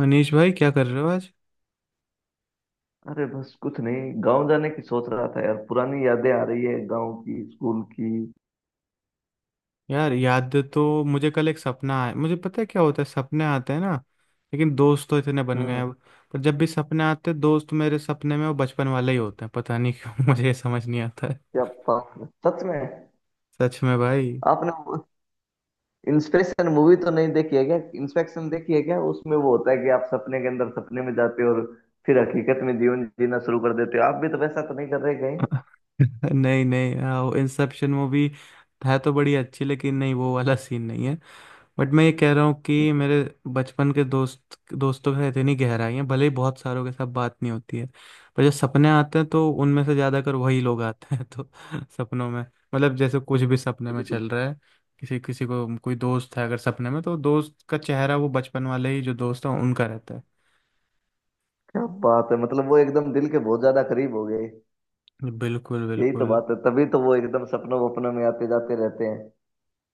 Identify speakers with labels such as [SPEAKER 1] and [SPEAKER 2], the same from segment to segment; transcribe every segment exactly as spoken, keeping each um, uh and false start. [SPEAKER 1] मनीष भाई क्या कर रहे हो आज?
[SPEAKER 2] अरे बस कुछ नहीं, गांव जाने की सोच रहा था यार। पुरानी यादें आ रही है गांव की, स्कूल की।
[SPEAKER 1] यार याद तो मुझे कल एक सपना आया। मुझे पता है क्या होता है सपने आते हैं ना। लेकिन दोस्त तो इतने बन गए
[SPEAKER 2] हम्म।
[SPEAKER 1] हैं अब। पर जब भी सपने आते हैं दोस्त मेरे सपने में वो बचपन वाले ही होते हैं, पता नहीं क्यों मुझे ये समझ नहीं आता है।
[SPEAKER 2] क्या बात है। सच में।
[SPEAKER 1] सच में भाई।
[SPEAKER 2] आपने वो इंस्पेक्शन मूवी तो नहीं देखी है क्या? इंस्पेक्शन देखी है क्या? उसमें वो होता है कि आप सपने के अंदर सपने में जाते हो और फिर हकीकत में जीवन जीना शुरू कर देते हो। आप भी तो वैसा तो नहीं कर रहे कहीं?
[SPEAKER 1] नहीं नहीं हाँ, वो इंसेप्शन मूवी है तो बड़ी अच्छी, लेकिन नहीं वो वाला सीन नहीं। बट मैं ये कह रहा हूँ
[SPEAKER 2] ठीक
[SPEAKER 1] कि
[SPEAKER 2] है।
[SPEAKER 1] मेरे बचपन के दोस्त, दोस्तों के साथ इतनी गहराई है, भले ही बहुत सारों के साथ बात नहीं होती है। पर जब सपने आते हैं तो उनमें से ज़्यादातर वही लोग आते हैं तो सपनों में मतलब जैसे कुछ भी सपने में
[SPEAKER 2] बिल्कुल।
[SPEAKER 1] चल रहा है, किसी किसी को कोई दोस्त है अगर सपने में तो दोस्त का चेहरा वो बचपन वाले ही जो दोस्त है उनका रहता
[SPEAKER 2] क्या बात है, मतलब वो एकदम दिल के बहुत ज्यादा करीब हो गए।
[SPEAKER 1] है। बिल्कुल
[SPEAKER 2] यही तो
[SPEAKER 1] बिल्कुल।
[SPEAKER 2] बात है, तभी तो वो एकदम सपनों वपनों में आते जाते रहते हैं।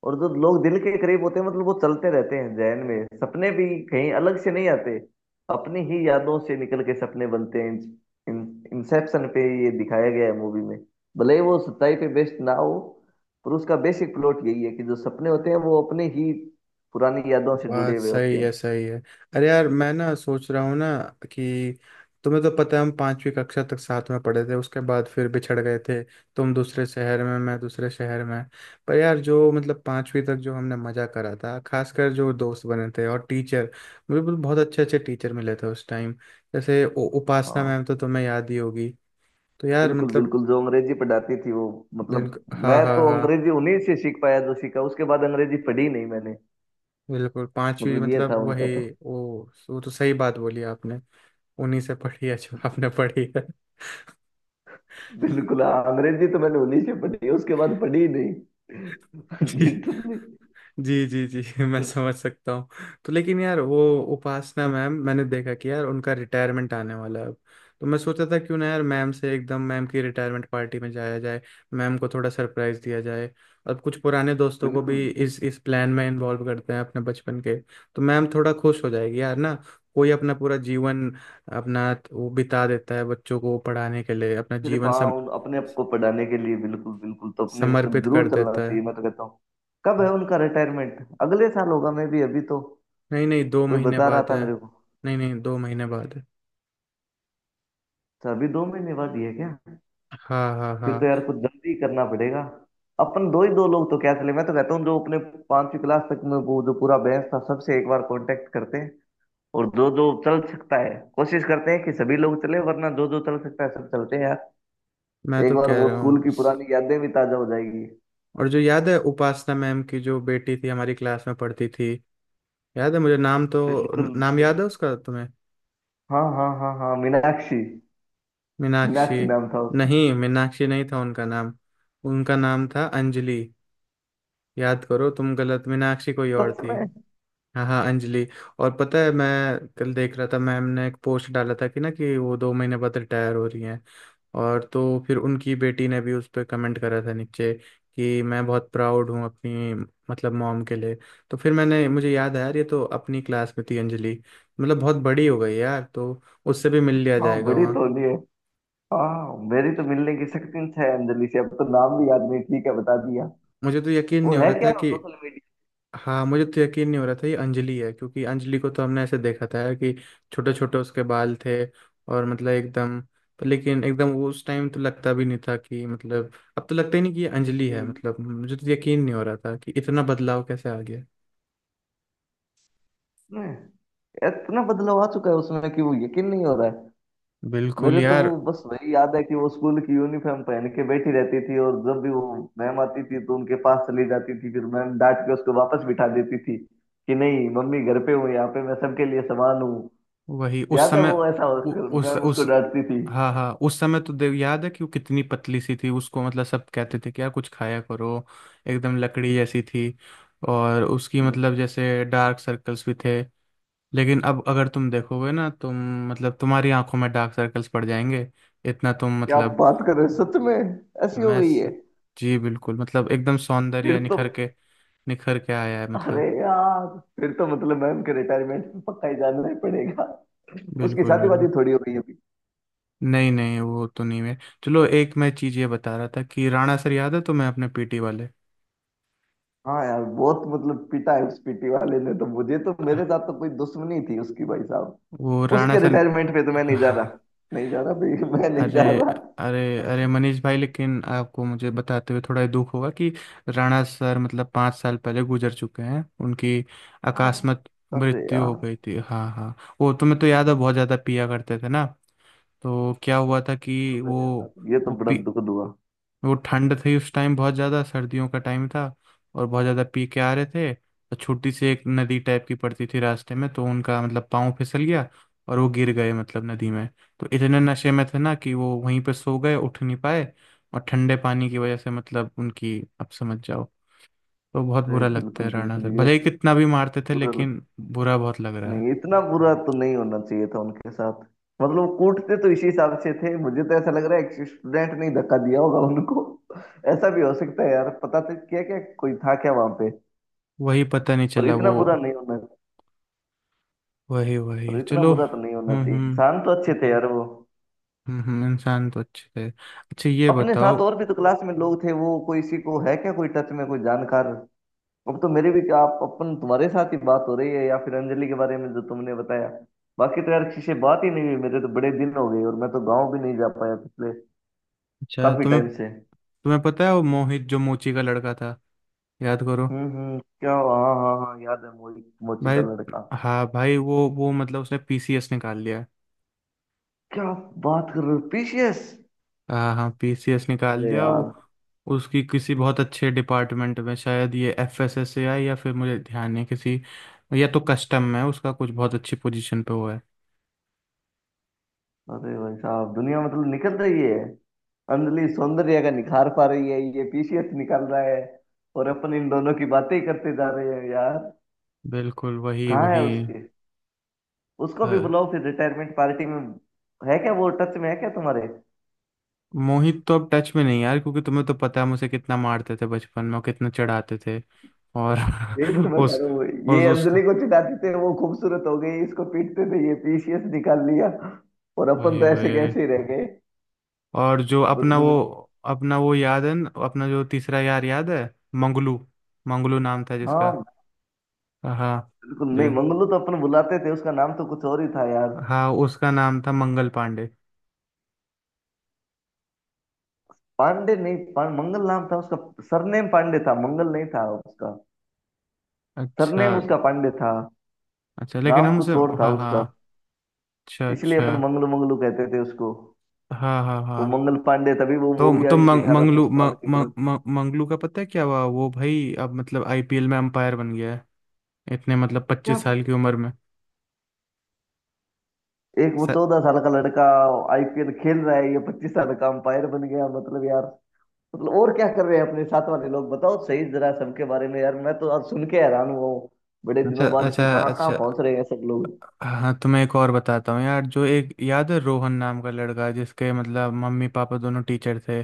[SPEAKER 2] और जो लोग दिल के करीब होते हैं मतलब वो चलते रहते हैं जहन में, सपने भी कहीं अलग से नहीं आते। अपनी ही यादों से निकल के सपने बनते हैं। इन, इंसेप्शन पे ये दिखाया गया है मूवी में। भले ही वो सच्चाई पे बेस्ड ना हो, पर उसका बेसिक प्लॉट यही है कि जो सपने होते हैं वो अपने ही पुरानी यादों से जुड़े
[SPEAKER 1] बात
[SPEAKER 2] हुए होते
[SPEAKER 1] सही है
[SPEAKER 2] हैं।
[SPEAKER 1] सही है। अरे यार मैं ना सोच रहा हूँ ना कि तुम्हें तो पता है हम पांचवी कक्षा तक साथ में पढ़े थे, उसके बाद फिर बिछड़ गए थे। तुम दूसरे शहर में मैं दूसरे शहर में। पर यार जो मतलब पांचवी तक जो हमने मजा करा था, खासकर जो दोस्त बने थे और टीचर। मुझे बहुत बहुत अच्छे अच्छे टीचर मिले थे उस टाइम। जैसे उ- उपासना
[SPEAKER 2] हाँ।
[SPEAKER 1] मैम तो तुम्हें याद ही होगी। तो यार
[SPEAKER 2] बिल्कुल
[SPEAKER 1] मतलब
[SPEAKER 2] बिल्कुल, जो अंग्रेजी पढ़ाती थी वो, मतलब
[SPEAKER 1] बिल्कुल
[SPEAKER 2] मैं
[SPEAKER 1] हाँ हाँ
[SPEAKER 2] तो
[SPEAKER 1] हाँ।
[SPEAKER 2] अंग्रेजी उन्हीं से सीख पाया। जो सीखा उसके बाद अंग्रेजी पढ़ी नहीं मैंने।
[SPEAKER 1] बिल्कुल पांचवी
[SPEAKER 2] मतलब ये था
[SPEAKER 1] मतलब
[SPEAKER 2] उनका
[SPEAKER 1] वही।
[SPEAKER 2] तो।
[SPEAKER 1] वो वो तो सही बात बोली आपने। उन्हीं से पढ़ी है जो
[SPEAKER 2] बिल्कुल।
[SPEAKER 1] आपने पढ़ी है।
[SPEAKER 2] बिल्कुल हाँ, अंग्रेजी तो मैंने उन्हीं से पढ़ी है, उसके बाद पढ़ी ही नहीं।
[SPEAKER 1] जी
[SPEAKER 2] लिटरली।
[SPEAKER 1] जी जी जी मैं समझ सकता हूँ। तो लेकिन यार वो उपासना मैम, मैंने देखा कि यार उनका रिटायरमेंट आने वाला है अब। तो मैं सोचा था क्यों ना यार मैम से एकदम मैम की रिटायरमेंट पार्टी में जाया जाए। मैम को थोड़ा सरप्राइज दिया जाए और कुछ पुराने दोस्तों को
[SPEAKER 2] बिल्कुल।
[SPEAKER 1] भी इस इस प्लान में इन्वॉल्व करते हैं अपने बचपन के। तो मैम थोड़ा खुश हो जाएगी यार ना। कोई अपना पूरा जीवन अपना वो बिता देता है बच्चों को पढ़ाने के लिए, अपना
[SPEAKER 2] सिर्फ
[SPEAKER 1] जीवन
[SPEAKER 2] हाँ,
[SPEAKER 1] सम,
[SPEAKER 2] उन अपने आप को पढ़ाने के लिए। बिल्कुल बिल्कुल, तो अपने को सब
[SPEAKER 1] समर्पित
[SPEAKER 2] जरूर
[SPEAKER 1] कर
[SPEAKER 2] चलना
[SPEAKER 1] देता है।
[SPEAKER 2] चाहिए मैं तो कहता हूँ। कब है उनका रिटायरमेंट? अगले साल होगा मैं भी अभी तो,
[SPEAKER 1] नहीं नहीं दो
[SPEAKER 2] कोई
[SPEAKER 1] महीने
[SPEAKER 2] बता रहा
[SPEAKER 1] बाद
[SPEAKER 2] था
[SPEAKER 1] है।
[SPEAKER 2] मेरे को।
[SPEAKER 1] नहीं नहीं दो महीने बाद है।
[SPEAKER 2] तो अभी दो महीने बाद ही है क्या?
[SPEAKER 1] हाँ हाँ
[SPEAKER 2] फिर तो
[SPEAKER 1] हाँ।
[SPEAKER 2] यार कुछ जल्दी करना पड़ेगा। अपन दो ही दो लोग तो क्या चले, मैं तो कहता हूँ जो अपने पांचवी क्लास तक में वो जो पूरा बैच था, सबसे एक बार कांटेक्ट करते, और दो दो चल सकता है, कोशिश करते हैं कि सभी लोग चले। वरना दो दो चल सकता है, सब चलते हैं यार।
[SPEAKER 1] मैं
[SPEAKER 2] एक
[SPEAKER 1] तो
[SPEAKER 2] बार
[SPEAKER 1] कह
[SPEAKER 2] वो
[SPEAKER 1] रहा हूँ
[SPEAKER 2] स्कूल की
[SPEAKER 1] उस-
[SPEAKER 2] पुरानी यादें भी ताजा हो जाएगी।
[SPEAKER 1] और जो याद है उपासना मैम की जो बेटी थी हमारी क्लास में पढ़ती थी। याद है मुझे नाम तो।
[SPEAKER 2] बिल्कुल
[SPEAKER 1] न- नाम
[SPEAKER 2] बिल्कुल।
[SPEAKER 1] याद है उसका तुम्हें?
[SPEAKER 2] हाँ हाँ हाँ हाँ, मीनाक्षी।
[SPEAKER 1] मीनाक्षी?
[SPEAKER 2] मीनाक्षी नाम था उसका।
[SPEAKER 1] नहीं मीनाक्षी नहीं था उनका नाम। उनका नाम था अंजलि। याद करो, तुम गलत, मीनाक्षी कोई और
[SPEAKER 2] सच
[SPEAKER 1] थी।
[SPEAKER 2] में?
[SPEAKER 1] हाँ हाँ अंजलि। और पता है मैं कल देख रहा था, मैम ने एक पोस्ट डाला था कि ना कि वो दो महीने बाद रिटायर हो रही हैं। और तो फिर उनकी बेटी ने भी उस पर कमेंट करा था नीचे कि मैं बहुत प्राउड हूँ अपनी मतलब मॉम के लिए। तो फिर मैंने मुझे याद आया यार ये तो अपनी क्लास में थी अंजलि। मतलब बहुत बड़ी हो गई यार, तो उससे भी मिल लिया
[SPEAKER 2] हाँ,
[SPEAKER 1] जाएगा
[SPEAKER 2] बड़ी
[SPEAKER 1] वहाँ।
[SPEAKER 2] तौलिए है। हाँ, मेरी तो मिलने की शक्ति है अंजलि से, अब तो नाम भी याद नहीं, ठीक है बता दिया।
[SPEAKER 1] मुझे तो यकीन
[SPEAKER 2] वो
[SPEAKER 1] नहीं हो
[SPEAKER 2] है
[SPEAKER 1] रहा
[SPEAKER 2] क्या
[SPEAKER 1] था कि
[SPEAKER 2] सोशल मीडिया?
[SPEAKER 1] हाँ, मुझे तो यकीन नहीं हो रहा था ये अंजलि है, क्योंकि अंजलि को तो हमने ऐसे देखा था यार कि छोटे छोटे उसके बाल थे। और मतलब एकदम पर लेकिन एकदम वो उस टाइम तो लगता भी नहीं था कि मतलब, अब तो लगता ही नहीं कि ये अंजलि
[SPEAKER 2] की,
[SPEAKER 1] है, मतलब मुझे तो यकीन नहीं हो रहा था कि इतना बदलाव कैसे आ गया।
[SPEAKER 2] इतना बदलाव आ चुका है उसमें कि वो यकीन नहीं हो रहा है।
[SPEAKER 1] बिल्कुल
[SPEAKER 2] मेरे तो वो
[SPEAKER 1] यार।
[SPEAKER 2] बस वही याद है कि वो स्कूल की यूनिफॉर्म पहन के बैठी रहती थी, और जब भी वो मैम आती थी तो उनके पास चली जाती थी, फिर मैम डांट के उसको वापस बिठा देती थी कि नहीं, मम्मी घर पे हूँ, यहाँ पे मैं सबके लिए समान हूँ।
[SPEAKER 1] वही उस
[SPEAKER 2] याद है
[SPEAKER 1] समय।
[SPEAKER 2] वो ऐसा
[SPEAKER 1] उ,
[SPEAKER 2] उसको-
[SPEAKER 1] उस
[SPEAKER 2] मैम उसको
[SPEAKER 1] उस
[SPEAKER 2] डांटती थी।
[SPEAKER 1] हाँ हाँ उस समय तो देव याद है कि वो कितनी पतली सी थी, उसको मतलब सब कहते थे कि यार कुछ खाया करो। एकदम लकड़ी जैसी थी। और उसकी मतलब जैसे डार्क सर्कल्स भी थे। लेकिन अब अगर तुम देखोगे ना, तुम मतलब तुम्हारी आंखों में डार्क सर्कल्स पड़ जाएंगे, इतना तुम
[SPEAKER 2] क्या
[SPEAKER 1] मतलब
[SPEAKER 2] बात कर रहे हो? सच में? ऐसी हो
[SPEAKER 1] मैं
[SPEAKER 2] गई है?
[SPEAKER 1] जी बिल्कुल मतलब एकदम
[SPEAKER 2] फिर
[SPEAKER 1] सौंदर्य
[SPEAKER 2] तो,
[SPEAKER 1] निखर के निखर के आया है
[SPEAKER 2] अरे
[SPEAKER 1] मतलब।
[SPEAKER 2] यार, फिर तो मतलब मैम के रिटायरमेंट पे पक्का ही जाना ही पड़ेगा। उसकी
[SPEAKER 1] बिल्कुल
[SPEAKER 2] शादी
[SPEAKER 1] बिल्कुल।
[SPEAKER 2] वादी थोड़ी हो गई है?
[SPEAKER 1] नहीं नहीं वो तो नहीं है। चलो, एक मैं चीज़ ये बता रहा था कि राणा सर याद है तुम्हें अपने पीटी वाले?
[SPEAKER 2] हाँ यार, बहुत मतलब पिटा है उस पीटी वाले ने तो मुझे, तो
[SPEAKER 1] अह,
[SPEAKER 2] मेरे साथ तो कोई दुश्मनी थी उसकी, भाई साहब।
[SPEAKER 1] वो राणा
[SPEAKER 2] उसके
[SPEAKER 1] सर।
[SPEAKER 2] रिटायरमेंट पे तो मैं नहीं जा रहा, नहीं जा रहा भाई, मैं नहीं
[SPEAKER 1] अरे
[SPEAKER 2] जा रहा।
[SPEAKER 1] अरे अरे मनीष भाई लेकिन आपको मुझे बताते हुए थोड़ा दुख होगा कि राणा सर मतलब पाँच साल पहले गुजर चुके हैं। उनकी
[SPEAKER 2] अब-
[SPEAKER 1] अकस्मात
[SPEAKER 2] अरे
[SPEAKER 1] मृत्यु हो
[SPEAKER 2] यार,
[SPEAKER 1] गई थी। हाँ हाँ। वो तुम्हें तो याद है बहुत ज़्यादा पिया करते थे ना। तो क्या हुआ था कि
[SPEAKER 2] अरे यार
[SPEAKER 1] वो
[SPEAKER 2] ये तो
[SPEAKER 1] वो
[SPEAKER 2] बड़ा
[SPEAKER 1] पी,
[SPEAKER 2] दुखद हुआ।
[SPEAKER 1] वो ठंड थी उस टाइम, बहुत ज़्यादा सर्दियों का टाइम था। और बहुत ज़्यादा पी के आ रहे थे, तो छोटी सी एक नदी टाइप की पड़ती थी रास्ते में, तो उनका मतलब पाँव फिसल गया और वो गिर गए मतलब नदी में। तो इतने नशे में थे ना कि वो वहीं पे सो गए, उठ नहीं पाए। और ठंडे पानी की वजह से मतलब उनकी आप समझ जाओ। तो बहुत
[SPEAKER 2] अरे
[SPEAKER 1] बुरा लगता है,
[SPEAKER 2] बिल्कुल
[SPEAKER 1] राणा
[SPEAKER 2] बिल्कुल,
[SPEAKER 1] सर
[SPEAKER 2] ये
[SPEAKER 1] भले ही
[SPEAKER 2] तो
[SPEAKER 1] कितना भी मारते थे
[SPEAKER 2] बुरा लग।
[SPEAKER 1] लेकिन बुरा बहुत लग रहा है।
[SPEAKER 2] नहीं, इतना बुरा तो नहीं होना चाहिए था उनके साथ। मतलब वो कूटते तो इसी हिसाब से थे, मुझे तो ऐसा लग रहा है एक स्टूडेंट ने ही धक्का दिया होगा उनको। ऐसा भी हो सकता है यार, पता तो क्या क्या, कोई था क्या वहां पे?
[SPEAKER 1] वही पता नहीं
[SPEAKER 2] पर
[SPEAKER 1] चला
[SPEAKER 2] इतना
[SPEAKER 1] वो।
[SPEAKER 2] बुरा नहीं होना,
[SPEAKER 1] वही
[SPEAKER 2] तो
[SPEAKER 1] वही
[SPEAKER 2] इतना
[SPEAKER 1] चलो।
[SPEAKER 2] बुरा तो नहीं होना
[SPEAKER 1] हम्म
[SPEAKER 2] चाहिए,
[SPEAKER 1] हम्म
[SPEAKER 2] इंसान तो अच्छे थे यार वो।
[SPEAKER 1] हम्म हम्म, इंसान तो अच्छे थे। अच्छा ये
[SPEAKER 2] अपने साथ
[SPEAKER 1] बताओ।
[SPEAKER 2] और भी तो क्लास में लोग थे, वो कोई इसी को है क्या, कोई टच में, कोई जानकार? अब तो मेरे भी क्या, आप अपन, तुम्हारे साथ ही बात हो रही है, या फिर अंजलि के बारे में जो तुमने बताया। बाकी तो यार किसी से बात ही नहीं हुई मेरे, तो बड़े दिन हो गए और मैं तो गाँव भी नहीं जा पाया पिछले
[SPEAKER 1] अच्छा,
[SPEAKER 2] काफी
[SPEAKER 1] तुम्हें
[SPEAKER 2] टाइम से।
[SPEAKER 1] तुम्हें पता है वो मोहित जो मोची का लड़का था? याद करो।
[SPEAKER 2] हम्म हम्म, क्या? हाँ हाँ हाँ, याद है, मोची, मोची का
[SPEAKER 1] भाई।
[SPEAKER 2] लड़का।
[SPEAKER 1] हाँ भाई, वो वो मतलब उसने पीसीएस निकाल लिया है।
[SPEAKER 2] क्या बात कर रहे हो? पीसीएस?
[SPEAKER 1] हाँ हाँ पीसीएस निकाल
[SPEAKER 2] अरे
[SPEAKER 1] लिया वो।
[SPEAKER 2] यार।
[SPEAKER 1] उसकी किसी बहुत अच्छे डिपार्टमेंट में शायद ये एफएसएसएआई या फिर मुझे ध्यान नहीं किसी या तो कस्टम में, उसका कुछ बहुत अच्छी पोजीशन पे हुआ है।
[SPEAKER 2] अरे भाई साहब, दुनिया मतलब निकल रही है। अंजलि सौंदर्य का निखार पा रही है, ये पीसीएस निकाल रहा है, और अपन इन दोनों की बातें ही करते जा रहे हैं यार।
[SPEAKER 1] बिल्कुल वही
[SPEAKER 2] कहाँ है
[SPEAKER 1] वही।
[SPEAKER 2] उसके, उसको भी
[SPEAKER 1] हाँ।
[SPEAKER 2] बुलाओ फिर रिटायरमेंट पार्टी में। है क्या? वो टच में है क्या तुम्हारे?
[SPEAKER 1] मोहित तो अब टच में नहीं यार, क्योंकि तुम्हें तो पता है मुझे कितना मारते थे बचपन में और कितना चढ़ाते थे। और
[SPEAKER 2] यही तो मैं कह
[SPEAKER 1] उस
[SPEAKER 2] रहा हूँ,
[SPEAKER 1] उस
[SPEAKER 2] ये अंजलि
[SPEAKER 1] उसको
[SPEAKER 2] को चिढ़ाते थे, वो खूबसूरत हो गई, इसको पीटते थे, ये पीसीएस निकाल लिया, और अपन
[SPEAKER 1] वही
[SPEAKER 2] तो ऐसे
[SPEAKER 1] वही।
[SPEAKER 2] कैसे ही रह गए।
[SPEAKER 1] और जो अपना
[SPEAKER 2] बचपन
[SPEAKER 1] वो
[SPEAKER 2] में-
[SPEAKER 1] अपना वो याद है न- अपना जो तीसरा यार याद है? मंगलू। मंगलू नाम था जिसका।
[SPEAKER 2] हाँ।
[SPEAKER 1] हाँ।
[SPEAKER 2] बिल्कुल नहीं,
[SPEAKER 1] जे-
[SPEAKER 2] मंगलू तो अपन बुलाते थे, उसका नाम तो कुछ और ही था यार।
[SPEAKER 1] हाँ उसका नाम था मंगल पांडे।
[SPEAKER 2] पांडे नहीं, पां, मंगल नाम था उसका, सरनेम पांडे था, मंगल नहीं था उसका,
[SPEAKER 1] अच्छा
[SPEAKER 2] सरनेम उसका पांडे था,
[SPEAKER 1] अच्छा लेकिन
[SPEAKER 2] नाम
[SPEAKER 1] हम उसे।
[SPEAKER 2] कुछ और था
[SPEAKER 1] हाँ
[SPEAKER 2] उसका।
[SPEAKER 1] हाँ। अच्छा
[SPEAKER 2] इसलिए
[SPEAKER 1] अच्छा।
[SPEAKER 2] अपन मंगलू मंगलू कहते थे उसको।
[SPEAKER 1] हाँ हाँ
[SPEAKER 2] वो
[SPEAKER 1] हाँ।
[SPEAKER 2] मंगल पांडे, तभी वो
[SPEAKER 1] तो
[SPEAKER 2] मूवी
[SPEAKER 1] तो
[SPEAKER 2] आई थी
[SPEAKER 1] मंग,
[SPEAKER 2] अठारह सौ
[SPEAKER 1] मंगलू
[SPEAKER 2] सत्तावन
[SPEAKER 1] मंग,
[SPEAKER 2] की
[SPEAKER 1] मंग,
[SPEAKER 2] तरफ।
[SPEAKER 1] मंग- मंगलू का पता है क्या हुआ? वो भाई अब मतलब आईपीएल में अंपायर बन गया है। इतने मतलब
[SPEAKER 2] क्या?
[SPEAKER 1] पच्चीस साल की उम्र में।
[SPEAKER 2] एक वो
[SPEAKER 1] स-
[SPEAKER 2] चौदह साल का लड़का आईपीएल खेल रहा है, ये पच्चीस साल का अंपायर बन गया, मतलब यार, मतलब और क्या कर रहे हैं अपने साथ वाले लोग? बताओ सही जरा सबके बारे में यार, मैं तो आज सुन के हैरान हुआ हूँ बड़े
[SPEAKER 1] अच्छा
[SPEAKER 2] दिनों बाद,
[SPEAKER 1] अच्छा
[SPEAKER 2] कि कहाँ कहाँ
[SPEAKER 1] अच्छा।
[SPEAKER 2] पहुंच रहे हैं सब लोग।
[SPEAKER 1] हाँ तो मैं एक और बताता हूँ यार, जो एक याद है रोहन नाम का लड़का जिसके मतलब मम्मी पापा दोनों टीचर थे।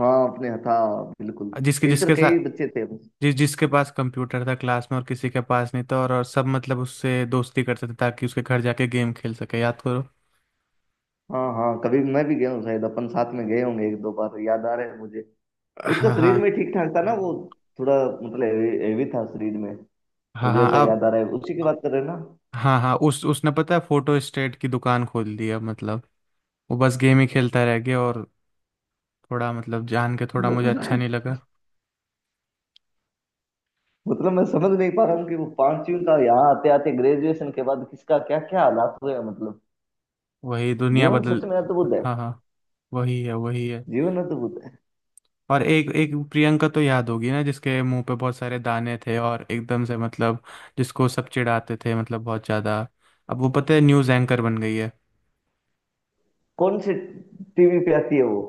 [SPEAKER 2] हाँ, अपने था। बिल्कुल।
[SPEAKER 1] जिसके
[SPEAKER 2] टीचर,
[SPEAKER 1] जिसके
[SPEAKER 2] कई
[SPEAKER 1] साथ
[SPEAKER 2] बच्चे थे।
[SPEAKER 1] जिस जिसके पास कंप्यूटर था क्लास में और किसी के पास नहीं था, और, और सब मतलब उससे दोस्ती करते थे ताकि उसके घर जाके गेम खेल सके, याद करो।
[SPEAKER 2] हाँ हाँ, कभी मैं भी गया हूँ शायद, अपन साथ में गए होंगे एक दो बार, याद आ रहा है मुझे। उसका
[SPEAKER 1] हाँ
[SPEAKER 2] शरीर में
[SPEAKER 1] हाँ
[SPEAKER 2] ठीक ठाक था ना वो? थोड़ा मतलब हेवी हेवी था शरीर में।
[SPEAKER 1] हाँ
[SPEAKER 2] मुझे
[SPEAKER 1] हाँ।
[SPEAKER 2] ऐसा
[SPEAKER 1] अब
[SPEAKER 2] याद आ रहा है, उसी की बात कर रहे हैं ना?
[SPEAKER 1] हाँ हाँ, उस उसने पता है फोटो स्टेट की दुकान खोल दी अब मतलब। वो बस गेम ही खेलता रह गया। और थोड़ा मतलब जान के थोड़ा मुझे अच्छा
[SPEAKER 2] मतलब,
[SPEAKER 1] नहीं लगा।
[SPEAKER 2] मतलब मैं समझ नहीं पा रहा हूँ कि वो पांचवी का यहाँ आते आते, ग्रेजुएशन के बाद किसका क्या क्या हालात हुए हैं, मतलब
[SPEAKER 1] वही दुनिया
[SPEAKER 2] जीवन सच
[SPEAKER 1] बदल।
[SPEAKER 2] में अद्भुत है।
[SPEAKER 1] हाँ हाँ। वही है वही है।
[SPEAKER 2] जीवन अद्भुत है।
[SPEAKER 1] और एक एक प्रियंका तो याद होगी ना, जिसके मुंह पे बहुत सारे दाने थे और एकदम से मतलब जिसको सब चिढ़ाते थे मतलब बहुत ज्यादा। अब वो पता है न्यूज़ एंकर बन गई है।
[SPEAKER 2] कौन से? टीवी पे आती है वो?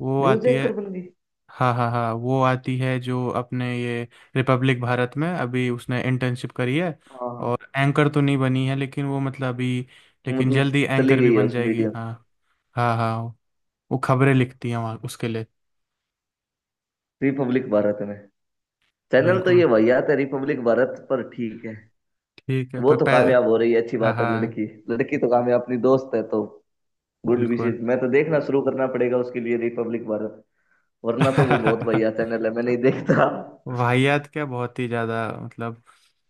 [SPEAKER 1] वो
[SPEAKER 2] न्यूज
[SPEAKER 1] आती है।
[SPEAKER 2] एंकर बन गई?
[SPEAKER 1] हाँ हाँ हाँ वो आती है, जो अपने ये रिपब्लिक भारत में अभी उसने इंटर्नशिप करी है।
[SPEAKER 2] हाँ हाँ।
[SPEAKER 1] और एंकर तो नहीं बनी है लेकिन वो मतलब अभी, लेकिन
[SPEAKER 2] मतलब
[SPEAKER 1] जल्दी
[SPEAKER 2] चली
[SPEAKER 1] एंकर भी
[SPEAKER 2] गई है
[SPEAKER 1] बन
[SPEAKER 2] उस
[SPEAKER 1] जाएगी,
[SPEAKER 2] मीडिया,
[SPEAKER 1] हाँ हाँ हाँ। वो खबरें लिखती हैं वहाँ उसके लिए।
[SPEAKER 2] रिपब्लिक भारत में? चैनल तो
[SPEAKER 1] बिल्कुल।
[SPEAKER 2] ये भैया तो, रिपब्लिक भारत पर, ठीक है।
[SPEAKER 1] ठीक है
[SPEAKER 2] वो
[SPEAKER 1] पर
[SPEAKER 2] तो
[SPEAKER 1] पै-
[SPEAKER 2] कामयाब हो रही है, अच्छी
[SPEAKER 1] हाँ
[SPEAKER 2] बात है
[SPEAKER 1] हाँ।
[SPEAKER 2] लड़की, लड़की तो कामयाब, अपनी दोस्त है तो गुड
[SPEAKER 1] बिल्कुल।
[SPEAKER 2] विशेष। मैं तो देखना शुरू करना पड़ेगा उसके लिए रिपब्लिक भारत, वरना तो वो बहुत भैया चैनल है, मैं नहीं
[SPEAKER 1] वो-
[SPEAKER 2] देखता।
[SPEAKER 1] वाहियात, क्या बहुत ही ज्यादा मतलब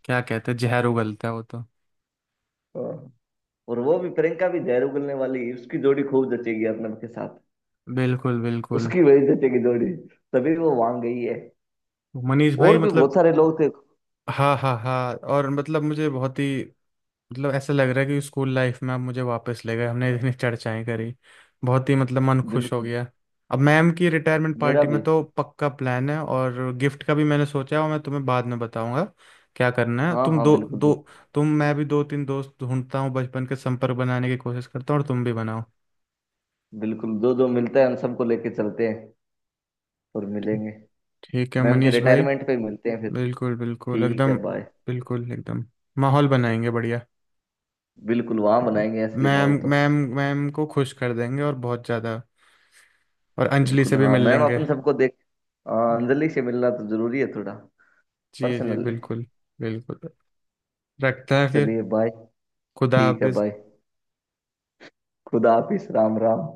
[SPEAKER 1] क्या कहते हैं जहर उगलता है वो तो।
[SPEAKER 2] हाँ। और वो भी, प्रियंका भी जहर उगलने वाली है, उसकी जोड़ी खूब जचेगी अर्नब के साथ,
[SPEAKER 1] बिल्कुल बिल्कुल।
[SPEAKER 2] उसकी वही जचेगी जोड़ी, तभी वो वहां गई है।
[SPEAKER 1] मनीष
[SPEAKER 2] और
[SPEAKER 1] भाई
[SPEAKER 2] भी बहुत
[SPEAKER 1] मतलब।
[SPEAKER 2] सारे लोग थे।
[SPEAKER 1] हाँ हाँ हाँ। और मतलब मुझे बहुत ही मतलब ऐसा लग रहा है कि स्कूल लाइफ में आप मुझे वापस ले गए, हमने इतनी चर्चाएं करी। बहुत ही मतलब मन खुश हो
[SPEAKER 2] बिल्कुल।
[SPEAKER 1] गया। अब मैम की रिटायरमेंट
[SPEAKER 2] मेरा
[SPEAKER 1] पार्टी
[SPEAKER 2] भी,
[SPEAKER 1] में तो पक्का प्लान है और गिफ्ट का भी मैंने सोचा है और मैं तुम्हें बाद में बताऊंगा क्या करना है,
[SPEAKER 2] हाँ
[SPEAKER 1] तुम
[SPEAKER 2] हाँ,
[SPEAKER 1] दो
[SPEAKER 2] बिल्कुल
[SPEAKER 1] दो।
[SPEAKER 2] बिल्कुल।
[SPEAKER 1] तुम मैं भी दो तीन दोस्त ढूंढता हूँ बचपन के, संपर्क बनाने की कोशिश करता हूँ और तुम भी बनाओ।
[SPEAKER 2] बिल्कुल, जो जो मिलता है हम सबको लेके चलते हैं, और मिलेंगे।
[SPEAKER 1] ठीक है
[SPEAKER 2] मैम के
[SPEAKER 1] मनीष भाई।
[SPEAKER 2] रिटायरमेंट पे मिलते हैं फिर।
[SPEAKER 1] बिल्कुल बिल्कुल
[SPEAKER 2] ठीक है,
[SPEAKER 1] एकदम।
[SPEAKER 2] बाय।
[SPEAKER 1] बिल्कुल एकदम। माहौल बनाएंगे बढ़िया।
[SPEAKER 2] बिल्कुल, वहां बनाएंगे असली
[SPEAKER 1] मैम
[SPEAKER 2] माहौल तो।
[SPEAKER 1] मैम मैम को खुश कर देंगे और बहुत ज़्यादा। और अंजलि
[SPEAKER 2] बिल्कुल
[SPEAKER 1] से भी
[SPEAKER 2] हाँ,
[SPEAKER 1] मिल
[SPEAKER 2] मैम
[SPEAKER 1] लेंगे।
[SPEAKER 2] अपन सबको देख, हाँ, अंजलि से मिलना तो जरूरी है थोड़ा,
[SPEAKER 1] जी जी
[SPEAKER 2] पर्सनल है।
[SPEAKER 1] बिल्कुल। बिल्कुल रखते हैं फिर।
[SPEAKER 2] चलिए, बाय।
[SPEAKER 1] खुदा
[SPEAKER 2] ठीक है,
[SPEAKER 1] हाफिज।
[SPEAKER 2] बाय। खुदा हाफिज। राम राम।